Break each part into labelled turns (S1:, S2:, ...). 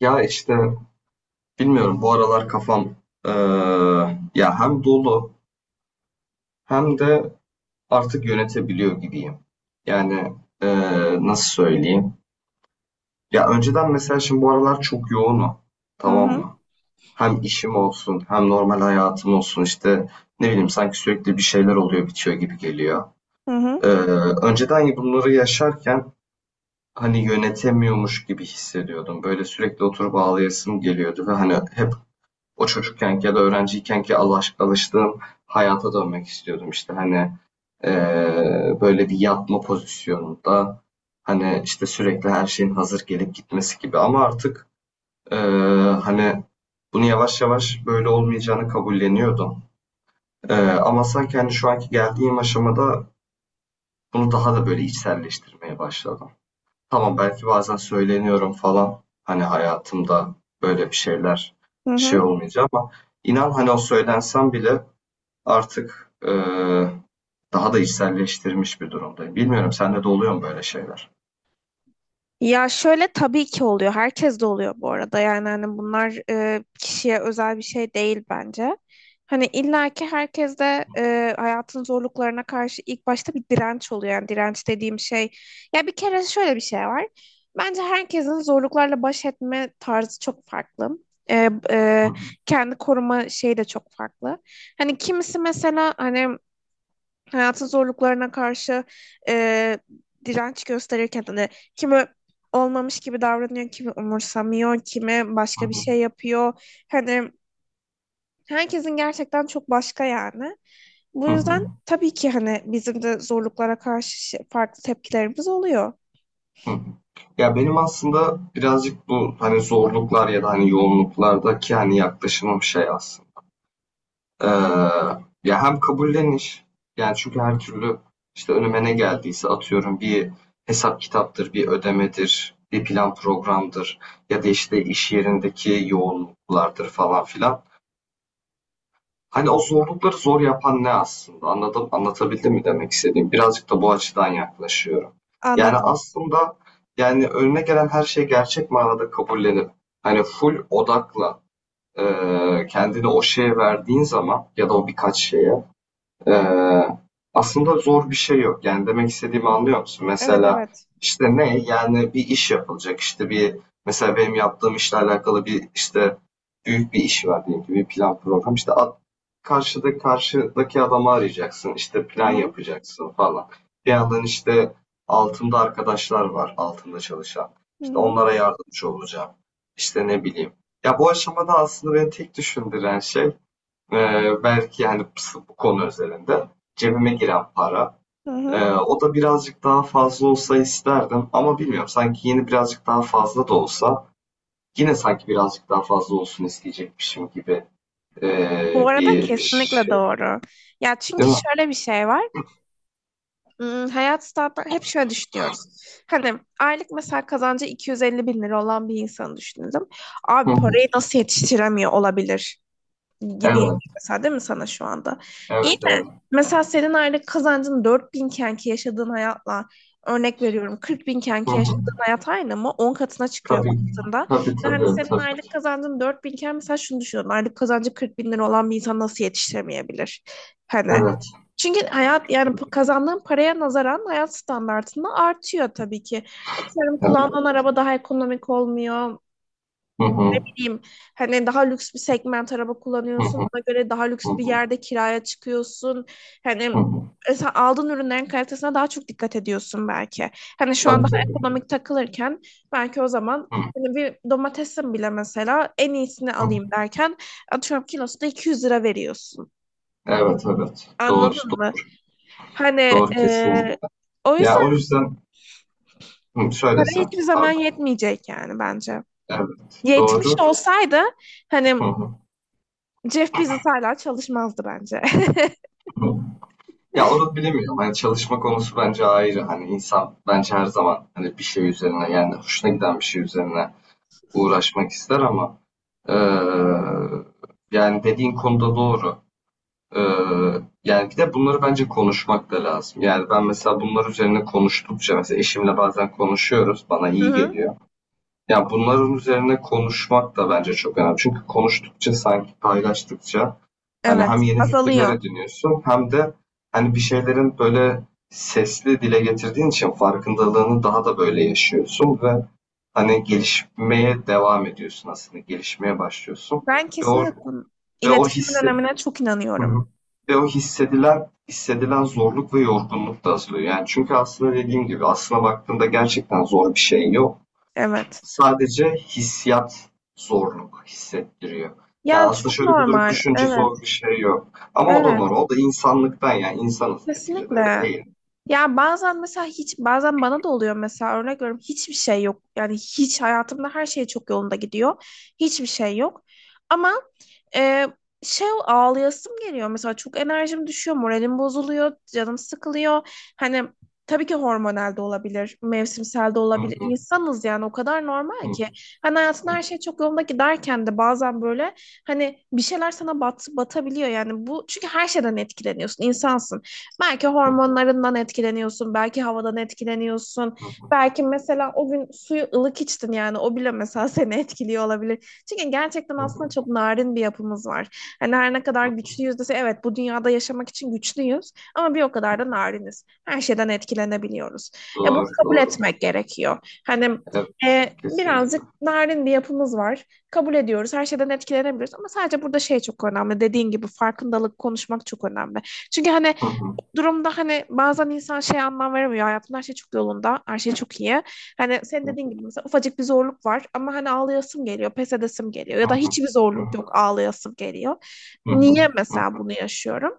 S1: Ya işte bilmiyorum bu aralar kafam eee, ya hem dolu hem de artık yönetebiliyor gibiyim. Yani nasıl söyleyeyim? Ya önceden mesela şimdi bu aralar çok yoğunum.
S2: Hı
S1: Tamam
S2: hı,
S1: mı? Hem işim olsun hem normal hayatım olsun işte ne bileyim sanki sürekli bir şeyler oluyor bitiyor gibi geliyor.
S2: hı hı,
S1: Eee, Önceden bunları yaşarken hani yönetemiyormuş gibi hissediyordum. Böyle sürekli oturup ağlayasım geliyordu ve hani hep o çocukkenki ya da öğrenciykenki alıştığım hayata dönmek istiyordum. İşte hani böyle bir yatma pozisyonunda hani işte sürekli her şeyin hazır gelip gitmesi gibi, ama artık eee, hani bunu yavaş yavaş böyle olmayacağını kabulleniyordum. Ama sanki hani şu anki geldiğim aşamada bunu daha da böyle içselleştirmeye başladım. Tamam, belki bazen söyleniyorum falan hani hayatımda böyle bir şeyler
S2: hı
S1: şey
S2: hı.
S1: olmayacak, ama inan hani o söylensem bile artık, daha da içselleştirmiş bir durumdayım. Bilmiyorum sende de oluyor mu böyle şeyler?
S2: Ya şöyle tabii ki oluyor. Herkes de oluyor bu arada. Yani hani bunlar kişiye özel bir şey değil bence. Hani illaki herkes de hayatın zorluklarına karşı ilk başta bir direnç oluyor. Yani direnç dediğim şey. Ya bir kere şöyle bir şey var. Bence herkesin zorluklarla baş etme tarzı çok farklı. E, e,
S1: Hı hı,
S2: kendi koruma şeyi de çok farklı. Hani kimisi mesela hani hayatın zorluklarına karşı e, direnç gösterirken hani kimi olmamış gibi davranıyor, kimi umursamıyor, kimi
S1: hı
S2: başka bir şey
S1: hı,
S2: yapıyor. Hani herkesin gerçekten çok başka yani. Bu
S1: hı
S2: yüzden
S1: hı,
S2: tabii ki hani bizim de zorluklara karşı farklı tepkilerimiz oluyor.
S1: hı hı. Ya, benim aslında birazcık bu, hani, zorluklar ya da, hani, yoğunluklardaki, hani, yaklaşımım şey aslında, eee, ya, hem kabulleniş, yani, çünkü her türlü, işte, önüme ne geldiyse atıyorum bir hesap kitaptır, bir ödemedir, bir plan programdır ya da, işte, iş yerindeki yoğunluklardır falan filan. Hani o zorlukları zor yapan ne aslında? Anladım, anlatabildim mi demek istediğim? Birazcık da bu açıdan yaklaşıyorum. Yani
S2: Anladım.
S1: aslında yani önüne gelen her şey gerçek manada kabullenip hani full odakla kendini o şeye verdiğin zaman ya da o birkaç şeye eee, aslında zor bir şey yok. Yani demek istediğimi anlıyor musun?
S2: Evet,
S1: Mesela
S2: evet.
S1: işte ne? Yani bir iş yapılacak, işte bir mesela benim yaptığım işle alakalı bir işte büyük bir iş var diyelim ki bir plan program işte. Karşıdaki adamı arayacaksın, işte
S2: Hı
S1: plan
S2: hı.
S1: yapacaksın falan. Bir yandan işte altımda arkadaşlar var, altımda çalışan.
S2: Hı
S1: İşte
S2: hı.
S1: onlara yardımcı olacağım. İşte ne bileyim. Ya bu aşamada aslında beni tek düşündüren şey e, belki yani bu konu özelinde cebime giren para.
S2: Hı hı.
S1: O da birazcık daha fazla olsa isterdim, ama bilmiyorum sanki yeni birazcık daha fazla da olsa yine sanki birazcık daha fazla olsun isteyecekmişim gibi
S2: Bu arada
S1: bir
S2: kesinlikle
S1: şey,
S2: doğru. Ya
S1: değil
S2: çünkü
S1: mi?
S2: şöyle bir şey var. Hmm, hayat standartları hep şöyle düşünüyoruz. Hani aylık mesela kazancı 250 bin lira olan bir insanı düşünelim.
S1: Hı
S2: Abi parayı
S1: hı,
S2: nasıl yetiştiremiyor olabilir gibi
S1: evet,
S2: geliyor mesela, değil mi sana şu anda? İyi
S1: evet,
S2: de
S1: evet.
S2: mesela senin aylık kazancın 4000 kenki yaşadığın hayatla, örnek veriyorum, 40 bin
S1: Hı
S2: kenki
S1: hı.
S2: yaşadığın hayat aynı mı? 10 katına çıkıyor
S1: Tabii,
S2: baktığında.
S1: tabii,
S2: Ve hani
S1: tabii,
S2: senin
S1: tabii.
S2: aylık kazancın 4000 iken mesela şunu düşünüyorum. Aylık kazancı 40 bin lira olan bir insan nasıl yetiştiremeyebilir? Hani
S1: Evet,
S2: çünkü hayat, yani kazandığın paraya nazaran hayat standartında artıyor tabii ki. Atıyorum
S1: evet.
S2: kullandığın araba daha ekonomik olmuyor,
S1: Hı
S2: ne
S1: hı,
S2: bileyim, hani daha lüks bir segment araba
S1: hı
S2: kullanıyorsun,
S1: hı,
S2: ona göre daha
S1: hı
S2: lüks bir
S1: hı,
S2: yerde kiraya çıkıyorsun, hani
S1: hı hı.
S2: sen aldığın ürünlerin kalitesine daha çok dikkat ediyorsun belki. Hani şu an
S1: Tabii,
S2: daha
S1: tabii.
S2: ekonomik takılırken belki o zaman
S1: Hı
S2: hani bir domatesin bile mesela en iyisini
S1: hı.
S2: alayım derken atıyorum kilosuna 200 lira veriyorsun.
S1: Evet, evet. Doğru,
S2: Anladın
S1: doğru,
S2: mı? Hani
S1: doğru
S2: e,
S1: kesin.
S2: o
S1: Ya
S2: yüzden
S1: o yüzden, hı, şöyle
S2: para
S1: sen,
S2: hiçbir zaman
S1: pardon.
S2: yetmeyecek yani bence.
S1: Evet,
S2: Yetmiş
S1: doğru.
S2: olsaydı hani
S1: Hı hı,
S2: Jeff Bezos hala çalışmazdı bence.
S1: hı.
S2: Hı
S1: Ya onu bilemiyorum. Hani çalışma konusu bence ayrı. Hani insan bence her zaman hani bir şey üzerine yani hoşuna giden bir şey üzerine uğraşmak ister, ama eee, yani dediğin konuda doğru. Ee, Yani bir de bunları bence konuşmak da lazım. Yani ben mesela bunlar üzerine konuştukça mesela eşimle bazen konuşuyoruz. Bana iyi
S2: hı.
S1: geliyor. Yani bunların üzerine konuşmak da bence çok önemli. Çünkü konuştukça sanki paylaştıkça hani hem
S2: Evet,
S1: yeni fikirler
S2: azalıyor.
S1: ediniyorsun hem de hani bir şeylerin böyle sesli dile getirdiğin için farkındalığını daha da böyle yaşıyorsun ve hani gelişmeye devam ediyorsun aslında. Gelişmeye başlıyorsun.
S2: Ben
S1: Ve o,
S2: kesinlikle
S1: ve o
S2: iletişimin
S1: hissi
S2: önemine çok
S1: Hı
S2: inanıyorum.
S1: hı. Ve o hissedilen zorluk ve yorgunluk da azalıyor. Yani çünkü aslında dediğim gibi aslına baktığında gerçekten zor bir şey yok.
S2: Evet.
S1: Sadece hissiyat zorluk hissettiriyor. Yani
S2: Yani
S1: aslında
S2: çok
S1: şöyle bir durup
S2: normal.
S1: düşünce
S2: Evet,
S1: zor bir şey yok. Ama o da
S2: evet.
S1: normal. O da insanlıktan, yani insanız neticede, öyle
S2: Kesinlikle.
S1: değil mi?
S2: Ya bazen mesela hiç, bazen bana da oluyor, mesela örnek veriyorum hiçbir şey yok. Yani hiç, hayatımda her şey çok yolunda gidiyor. Hiçbir şey yok. Ama ee, şey, ağlayasım geliyor mesela, çok enerjim düşüyor, moralim bozuluyor, canım sıkılıyor. Hani tabii ki hormonal de olabilir, mevsimsel de
S1: Hı
S2: olabilir.
S1: hı,
S2: İnsanız yani, o kadar
S1: hı
S2: normal ki. Hani hayatında
S1: hı,
S2: her şey çok yolunda giderken de bazen böyle hani bir şeyler sana batabiliyor yani. Bu çünkü her şeyden etkileniyorsun, insansın. Belki
S1: hı
S2: hormonlarından etkileniyorsun, belki havadan etkileniyorsun.
S1: hı,
S2: Belki mesela o gün suyu ılık içtin, yani o bile mesela seni etkiliyor olabilir. Çünkü gerçekten
S1: hı
S2: aslında çok
S1: hı.
S2: narin bir yapımız var. Hani her ne kadar güçlüyüz dese, evet, bu dünyada yaşamak için güçlüyüz ama bir o kadar da nariniz. Her şeyden etkilenebiliyoruz. Bunu
S1: Doğru
S2: kabul
S1: doğru.
S2: etmek gerekiyor. Hani
S1: Evet kesinlikle.
S2: birazcık narin bir yapımız var. Kabul ediyoruz. Her şeyden etkilenebiliyoruz ama sadece burada şey çok önemli. Dediğin gibi farkındalık, konuşmak çok önemli. Çünkü hani
S1: Hı hı,
S2: durumda hani bazen insan şey, anlam veremiyor. Hayatımda her şey çok yolunda, her şey çok iyi. Hani sen dediğin gibi mesela ufacık bir zorluk var ama hani ağlayasım geliyor, pes edesim geliyor
S1: hı
S2: ya da
S1: hı,
S2: hiçbir zorluk
S1: hı
S2: yok, ağlayasım geliyor.
S1: hı, hı
S2: Niye
S1: hı,
S2: mesela bunu yaşıyorum?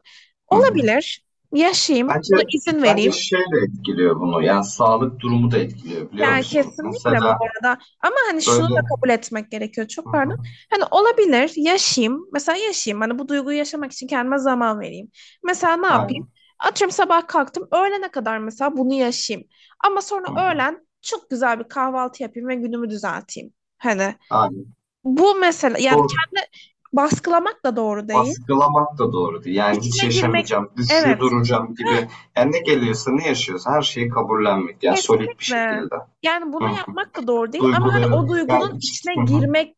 S1: hı hı.
S2: Olabilir. Yaşayayım,
S1: Bence
S2: buna izin
S1: bence
S2: vereyim.
S1: şey de etkiliyor bunu. Yani sağlık durumu da etkiliyor biliyor
S2: Yani
S1: musun?
S2: kesinlikle bu
S1: Mesela
S2: arada, ama hani şunu
S1: böyle.
S2: da kabul etmek gerekiyor
S1: Hı
S2: çok, pardon.
S1: hı,
S2: Hani olabilir, yaşayayım mesela, yaşayayım hani bu duyguyu yaşamak için kendime zaman vereyim. Mesela ne yapayım?
S1: aynen,
S2: Atıyorum sabah kalktım, öğlene kadar mesela bunu yaşayayım. Ama sonra
S1: hı hı,
S2: öğlen çok güzel bir kahvaltı yapayım ve günümü düzelteyim. Hani
S1: aynen.
S2: bu mesela, yani
S1: Doğru.
S2: kendi baskılamak da doğru değil.
S1: Baskılamak da doğru değil. Yani hiç
S2: İçine girmek,
S1: yaşamayacağım, güçlü
S2: evet.
S1: duracağım gibi. Yani ne geliyorsa ne yaşıyorsa her şeyi kabullenmek. Yani solit bir
S2: Kesinlikle.
S1: şekilde.
S2: Yani
S1: Hı
S2: bunu
S1: hı.
S2: yapmak da doğru değil ama hani
S1: Duyguları
S2: o
S1: yani
S2: duygunun içine
S1: hı hı,
S2: girmek,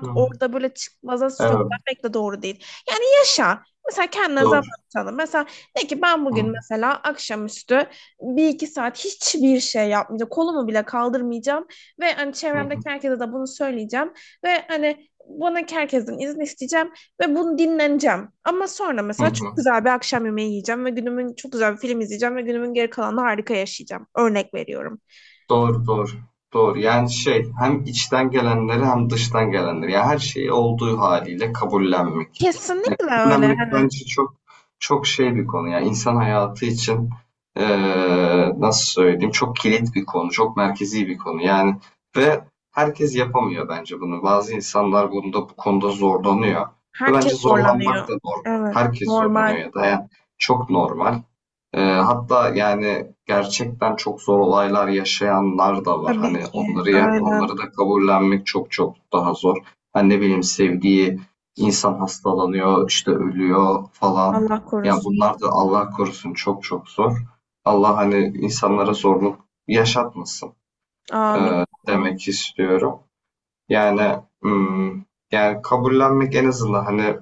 S1: hı hı.
S2: orada böyle çıkmaza
S1: Evet,
S2: sürüklenmek de doğru değil. Yani yaşa. Mesela kendine zaman
S1: doğru.
S2: tanı. Mesela de ki ben
S1: Hı hı,
S2: bugün mesela akşamüstü bir iki saat hiçbir şey yapmayacağım. Kolumu bile kaldırmayacağım ve hani
S1: hı hı,
S2: çevremdeki herkese de bunu söyleyeceğim ve hani bana herkesten izin isteyeceğim. Ve bunu dinleneceğim. Ama sonra mesela çok güzel bir akşam yemeği yiyeceğim ve günümün çok güzel bir film izleyeceğim ve günümün geri kalanını harika yaşayacağım. Örnek veriyorum.
S1: doğru, doğru. Doğru. Yani şey hem içten gelenleri hem dıştan gelenleri. Yani her şeyi olduğu haliyle kabullenmek. Yani
S2: Kesinlikle öyle.
S1: kabullenmek
S2: Hani
S1: bence çok çok şey bir konu. Yani insan hayatı için nasıl söyleyeyim, çok kilit bir konu. Çok merkezi bir konu. Yani ve herkes yapamıyor bence bunu. Bazı insanlar bunda bu konuda zorlanıyor. Ve bence
S2: herkes
S1: zorlanmak
S2: zorlanıyor.
S1: da normal.
S2: Evet,
S1: Herkes zorlanıyor
S2: normal.
S1: ya da yani çok normal. Hatta yani gerçekten çok zor olaylar yaşayanlar da var.
S2: Tabii
S1: Hani
S2: ki.
S1: onları onları
S2: Aynen.
S1: da kabullenmek çok çok daha zor. Hani ne bileyim, sevdiği insan hastalanıyor, işte ölüyor falan.
S2: Allah
S1: Ya
S2: korusun.
S1: bunlar da Allah korusun çok çok zor. Allah hani insanlara zorluk yaşatmasın,
S2: Amin. Amin.
S1: demek istiyorum. Yani hmm, yani kabullenmek en azından hani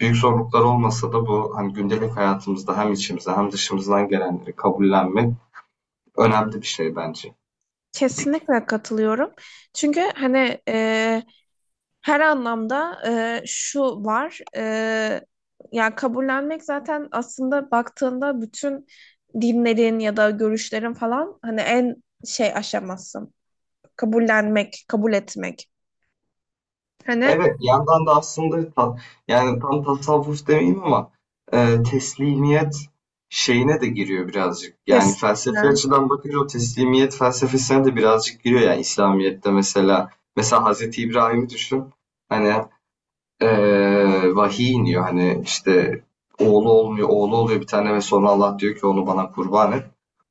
S1: büyük zorluklar olmasa da bu hani gündelik hayatımızda hem içimize hem dışımızdan gelenleri kabullenmek önemli bir şey bence.
S2: Kesinlikle katılıyorum. Çünkü hani her anlamda şu var. Yani kabullenmek zaten aslında baktığında bütün dinlerin ya da görüşlerin falan hani en şey aşaması. Kabullenmek, kabul etmek. Hani
S1: Evet, bir yandan da aslında yani tam tasavvuf demeyeyim, ama teslimiyet şeyine de giriyor birazcık. Yani felsefi
S2: kesinlikle.
S1: açıdan bakınca o teslimiyet felsefesine de birazcık giriyor. Yani İslamiyet'te mesela Hazreti İbrahim'i düşün. Hani vahiy iniyor hani işte oğlu olmuyor, oğlu oluyor bir tane ve sonra Allah diyor ki onu bana kurban et.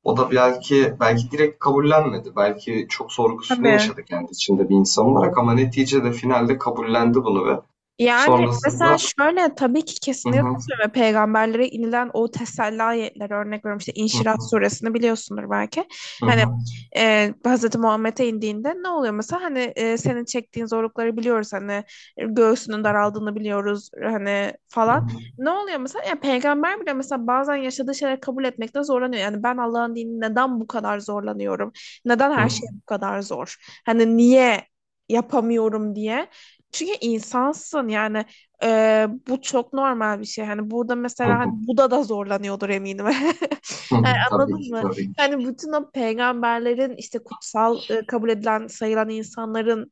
S1: O da belki direkt kabullenmedi. Belki çok sorgusunu
S2: Tabii.
S1: yaşadı kendi içinde bir insan olarak, ama neticede finalde kabullendi bunu ve
S2: Yani mesela
S1: sonrasında
S2: şöyle, tabii ki
S1: hı
S2: kesinlikle
S1: hı,
S2: katılıyorum. Ve peygamberlere inilen o teselli ayetleri, örnek veriyorum. İşte İnşirah
S1: hı
S2: suresini biliyorsundur belki.
S1: hı,
S2: Hani
S1: hı
S2: Hazreti Muhammed'e indiğinde ne oluyor mesela? Hani senin çektiğin zorlukları biliyoruz. Hani göğsünün daraldığını biliyoruz. Hani
S1: hı,
S2: falan.
S1: hı
S2: Ne oluyor mesela? Ya peygamber bile mesela bazen yaşadığı şeyleri kabul etmekte zorlanıyor. Yani ben Allah'ın dinini neden bu kadar zorlanıyorum? Neden
S1: hı,
S2: her şey bu kadar zor? Hani niye yapamıyorum diye. Çünkü insansın yani, bu çok normal bir şey. Hani burada
S1: hı
S2: mesela hani
S1: hı,
S2: Buda da zorlanıyordur eminim.
S1: hı
S2: Yani
S1: hı. Tabii
S2: anladın
S1: ki,
S2: mı?
S1: tabii ki.
S2: Hani bütün o peygamberlerin işte kutsal, kabul edilen, sayılan insanların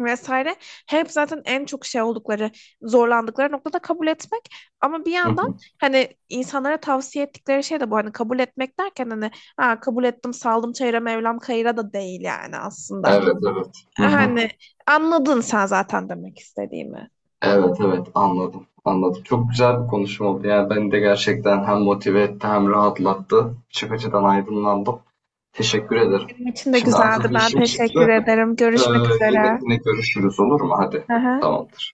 S2: vesaire, hep zaten en çok şey oldukları, zorlandıkları noktada kabul etmek ama bir
S1: Hı
S2: yandan
S1: hı.
S2: hani insanlara tavsiye ettikleri şey de bu, hani kabul etmek derken, hani ha, kabul ettim saldım çayıra Mevlam kayıra da değil yani aslında.
S1: Evet, evet. Hı hı.
S2: Hani anladın sen zaten demek istediğimi.
S1: Evet, evet, anladım, anladım. Çok güzel bir konuşma oldu. Yani beni de gerçekten hem motive etti hem rahatlattı. Birçok açıdan aydınlandım. Teşekkür ederim.
S2: Benim için de
S1: Şimdi acil
S2: güzeldi.
S1: bir
S2: Ben
S1: işim
S2: teşekkür
S1: çıktı.
S2: ederim.
S1: Ee,
S2: Görüşmek
S1: yine
S2: üzere.
S1: yine görüşürüz, olur mu? Hadi
S2: Hı hı.
S1: tamamdır.